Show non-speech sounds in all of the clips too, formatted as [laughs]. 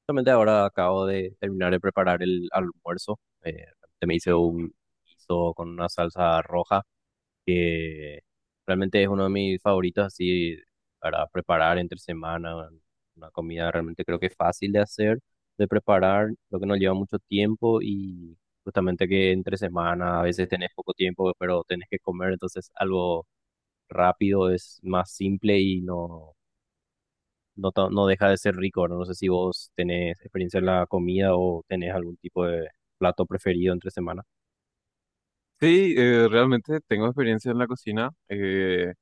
Justamente ahora acabo de terminar de preparar el almuerzo. Realmente me hice un guiso con una salsa roja que realmente es uno de mis favoritos así para preparar entre semana. Una comida realmente creo que fácil de hacer, de preparar, lo que no lleva mucho tiempo y justamente que entre semana a veces tenés poco tiempo, pero tenés que comer, entonces algo rápido es más simple y no deja de ser rico, ¿verdad? No sé si vos tenés experiencia en la comida o tenés algún tipo de plato preferido entre semana. Sí, realmente tengo experiencia en la cocina,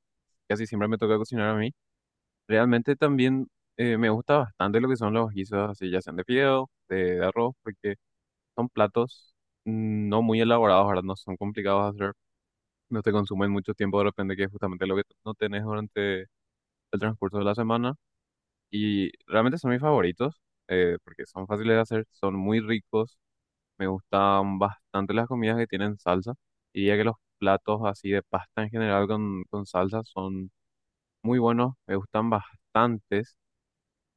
casi siempre me toca cocinar a mí. Realmente también me gusta bastante lo que son los guisos, así ya sean de fideo, de arroz, porque son platos no muy elaborados, ¿verdad? No son complicados de hacer, no te consumen mucho tiempo de repente, que es justamente lo que no tenés durante el transcurso de la semana. Y realmente son mis favoritos, porque son fáciles de hacer, son muy ricos. Me gustan bastante las comidas que tienen salsa. Diría que los platos así de pasta en general con salsa son muy buenos, me gustan bastantes,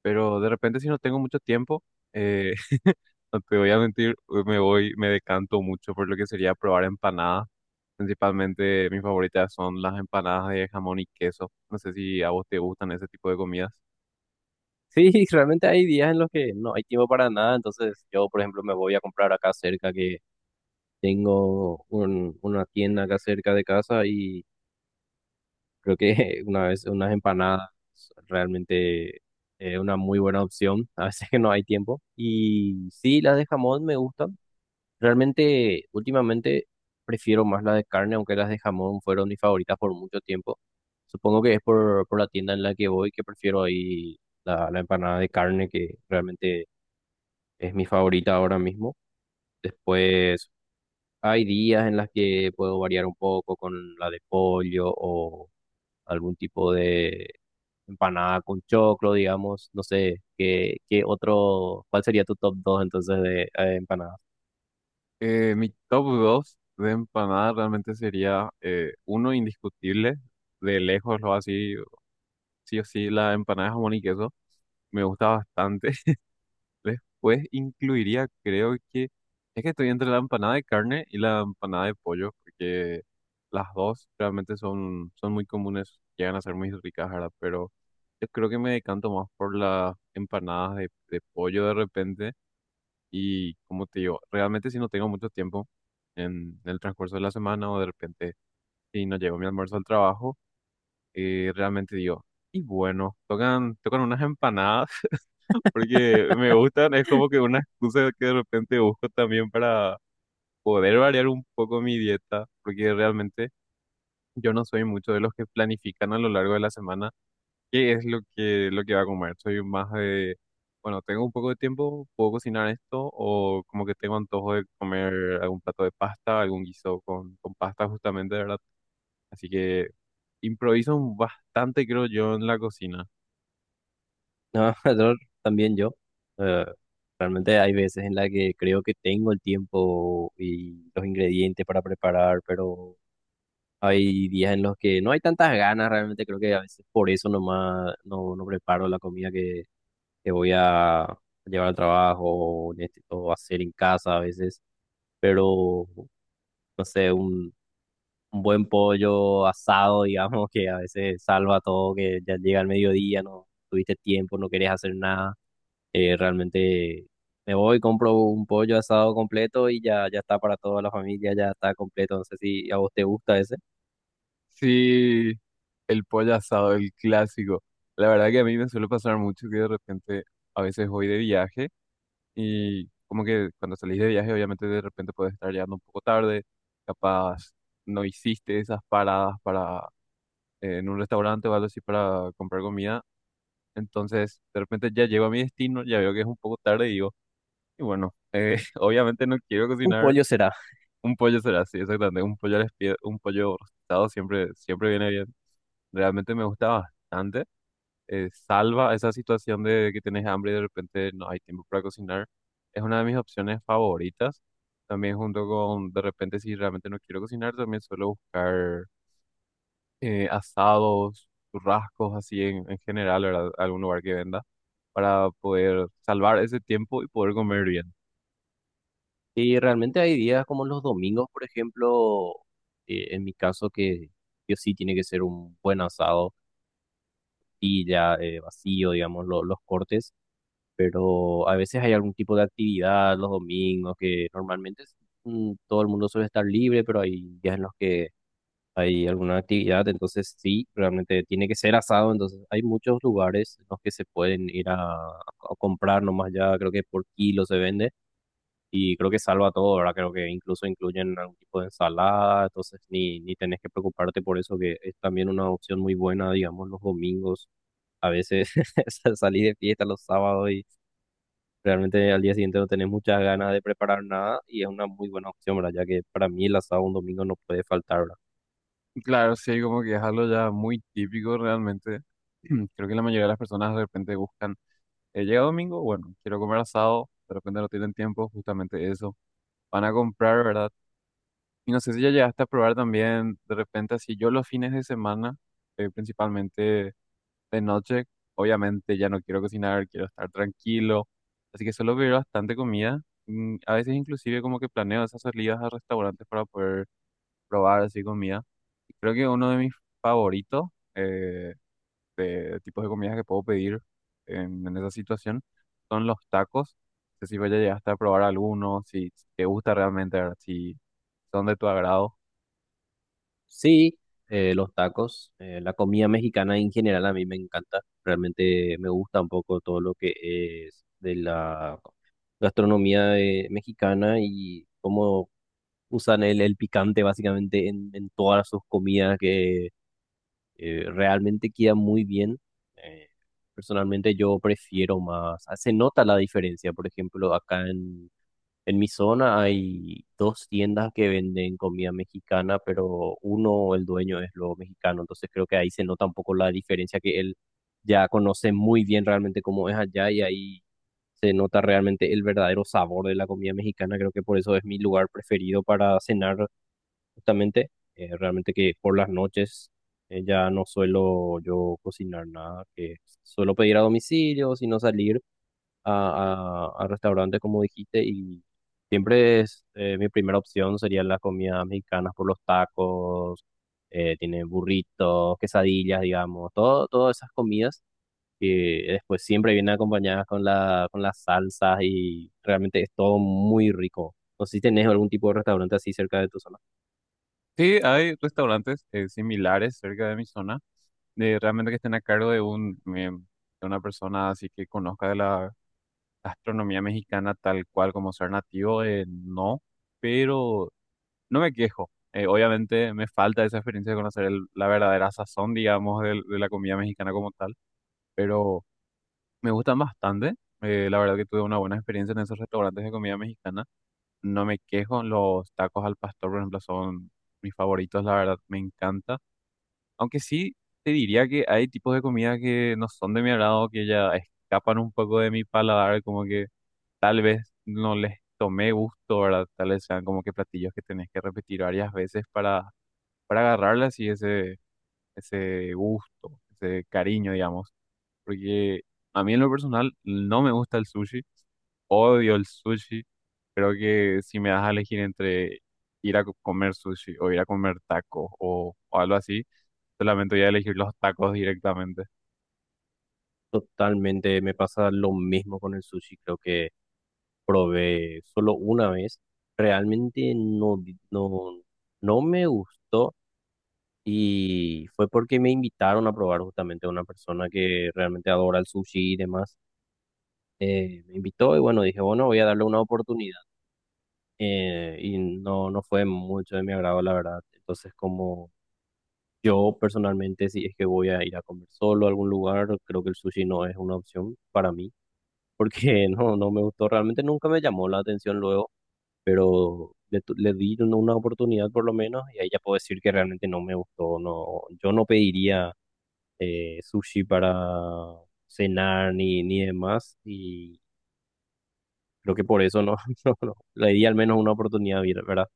pero de repente si no tengo mucho tiempo, eh, [laughs] no te voy a mentir, me decanto mucho por lo que sería probar empanadas. Principalmente mis favoritas son las empanadas de jamón y queso. No sé si a vos te gustan ese tipo de comidas. Sí, [laughs] realmente hay días en los que no hay tiempo para nada, entonces yo, por ejemplo, me voy a comprar acá cerca que tengo una tienda acá cerca de casa y creo que [laughs] una vez unas empanadas realmente es una muy buena opción, a veces que no hay tiempo. Y sí, las de jamón me gustan. Realmente, últimamente prefiero más las de carne, aunque las de jamón fueron mis favoritas por mucho tiempo. Supongo que es por la tienda en la que voy que prefiero ahí la empanada de carne, que realmente es mi favorita ahora mismo. Después, hay días en las que puedo variar un poco con la de pollo o algún tipo de empanada con choclo, digamos. No sé, cuál sería tu top 2 entonces de empanadas? Mi top 2 de empanadas realmente sería uno indiscutible de lejos lo así sí o sí, la empanada de jamón y queso me gusta bastante. [laughs] Después incluiría, creo que, es que estoy entre la empanada de carne y la empanada de pollo, porque las dos realmente son, son muy comunes, llegan a ser muy ricas, ¿verdad? Pero yo creo que me decanto más por las empanadas de pollo de repente. Y como te digo, realmente si no tengo mucho tiempo en el transcurso de la semana o de repente si no llego mi almuerzo al trabajo, realmente digo, y bueno, tocan, tocan unas empanadas. Porque me gustan, es como que una excusa que de repente busco también para poder variar un poco mi dieta, porque realmente yo no soy mucho de los que planifican a lo largo de la semana qué es lo que va a comer. Soy más de, bueno, tengo un poco de tiempo, puedo cocinar esto, o como que tengo antojo de comer algún plato de pasta, algún guiso con pasta justamente, ¿verdad? Así que improviso bastante, creo yo, en la cocina. No, [laughs] yo también yo. eh, Realmente hay veces en las que creo que tengo el tiempo y los ingredientes para preparar, pero hay días en los que no hay tantas ganas, realmente creo que a veces por eso nomás no preparo la comida que voy a llevar al trabajo o necesito hacer en casa a veces, pero no sé, un buen pollo asado, [laughs] digamos, que a veces salva todo, que ya llega el mediodía, no tuviste tiempo, no querés hacer nada. Realmente me voy, compro un pollo asado completo y ya, ya está para toda la familia, ya está completo. No sé si a vos te gusta ese. Sí, el pollo asado, el clásico. La verdad que a mí me suele pasar mucho que de repente a veces voy de viaje y como que cuando salís de viaje obviamente de repente puedes estar llegando un poco tarde, capaz no hiciste esas paradas para en un restaurante o algo así para comprar comida. Entonces de repente ya llego a mi destino, ya veo que es un poco tarde y digo, y bueno, [laughs] obviamente no quiero Un cocinar. pollo será. Un pollo será así, exactamente. Un pollo rostizado siempre, siempre viene bien. Realmente me gusta bastante. Salva esa situación de que tienes hambre y de repente no hay tiempo para cocinar. Es una de mis opciones favoritas. También junto con, de repente, si realmente no quiero cocinar, también suelo buscar asados, churrascos, así en general, ¿verdad? Algún lugar que venda, para poder salvar ese tiempo y poder comer bien. Y realmente hay días como los domingos, por ejemplo, en mi caso que yo sí tiene que ser un buen asado y ya, vacío, digamos, los cortes. Pero a veces hay algún tipo de actividad los domingos que normalmente todo el mundo suele estar libre, pero hay días en los que hay alguna actividad, entonces sí, realmente tiene que ser asado, entonces hay muchos lugares en los que se pueden ir a comprar nomás ya, creo que por kilo se vende y creo que salva todo, ¿verdad? Creo que incluso incluyen algún tipo de ensalada, entonces ni tenés que preocuparte por eso, que es también una opción muy buena, digamos, los domingos, a veces [laughs] salís de fiesta los sábados y... Realmente al día siguiente no tenés muchas ganas de preparar nada y es una muy buena opción, ¿verdad? Ya que para mí el asado un domingo no puede faltar, ¿verdad? Y claro, sí, como que es algo ya muy típico realmente. [clears throat] Creo que la mayoría de las personas de repente buscan, llega domingo, bueno, quiero comer asado, de repente no tienen tiempo, justamente eso. Van a comprar, ¿verdad? Y no sé si ya llegaste a probar también, de repente así, yo los fines de semana, principalmente de noche, obviamente ya no quiero cocinar, quiero estar tranquilo, así que suelo pedir bastante comida. A veces inclusive como que planeo esas salidas a restaurantes para poder probar así comida. Y creo que uno de mis favoritos, eh, de tipos de comidas que puedo pedir en esa situación son los tacos. No sé si vaya llegaste a probar alguno, si, si te gusta realmente, ¿verdad? Si son de tu agrado. Sí, los tacos, la comida mexicana en general a mí me encanta, realmente me gusta un poco todo lo que es de la gastronomía mexicana y cómo usan el picante básicamente en todas sus comidas que realmente queda muy bien. Eh, Personalmente yo prefiero más, ah, se nota la diferencia, por ejemplo, acá en mi zona hay dos tiendas que venden comida mexicana, pero uno, el dueño es lo mexicano, entonces creo que ahí se nota un poco la diferencia que él ya conoce muy bien realmente cómo es allá y ahí se nota realmente el verdadero sabor de la comida mexicana. Creo que por eso es mi lugar preferido para cenar justamente, realmente que por las noches ya no suelo yo cocinar nada, que suelo pedir a domicilio, sino salir a restaurantes, como dijiste, y siempre es mi primera opción serían las comidas mexicanas por los tacos, tiene burritos, quesadillas, digamos, todas esas comidas que después siempre vienen acompañadas con con las salsas y realmente es todo muy rico. No sé si tenés algún tipo de restaurante así cerca de tu zona. Sí, hay restaurantes similares cerca de mi zona, de realmente que estén a cargo de un de una persona así que conozca de la gastronomía mexicana tal cual como ser nativo, no, pero no me quejo. Obviamente me falta esa experiencia de conocer la verdadera sazón, digamos, de la comida mexicana como tal, pero me gustan bastante. La verdad que tuve una buena experiencia en esos restaurantes de comida mexicana. No me quejo, los tacos al pastor, por ejemplo, son mis favoritos, la verdad, me encanta. Aunque sí te diría que hay tipos de comida que no son de mi agrado, que ya escapan un poco de mi paladar, como que tal vez no les tomé gusto, ¿verdad? Tal vez sean como que platillos que tenés que repetir varias veces para agarrarles y ese gusto, ese cariño, digamos, porque a mí en lo personal no me gusta el sushi, odio el sushi. Creo que si me das a elegir entre ir a comer sushi o ir a comer tacos o algo así, solamente voy a elegir los tacos directamente. [laughs] Totalmente, me pasa lo mismo con el sushi, creo que probé solo una vez. Realmente no, no me gustó. Y fue porque me invitaron a probar justamente a una persona que realmente adora el sushi y demás. Me invitó y bueno, dije, bueno, voy a darle una oportunidad. Y no, no fue mucho de mi agrado, la verdad. Entonces, como yo personalmente, si es que voy a ir a comer solo a algún lugar, creo que el sushi no es una opción para mí, porque [laughs] no, no me gustó, realmente nunca me llamó la atención luego, pero le di una oportunidad por lo menos y ahí ya puedo decir que realmente no me gustó. No, yo no pediría sushi para cenar ni demás. Y creo que por eso no, [laughs] no, no, le di al menos una oportunidad, ¿verdad?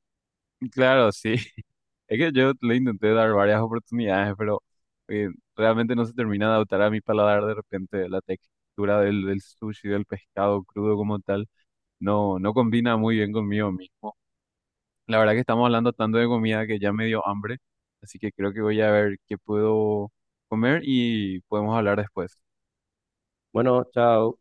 Y claro, sí, [laughs] es que yo le intenté dar varias oportunidades, pero eh, realmente no se termina de adaptar a mi paladar de repente la textura del sushi, del pescado crudo como tal, no, no combina muy bien conmigo mismo. La verdad que estamos hablando tanto de comida que ya me dio hambre, así que creo que voy a ver qué puedo comer y podemos hablar después. Bueno, chao.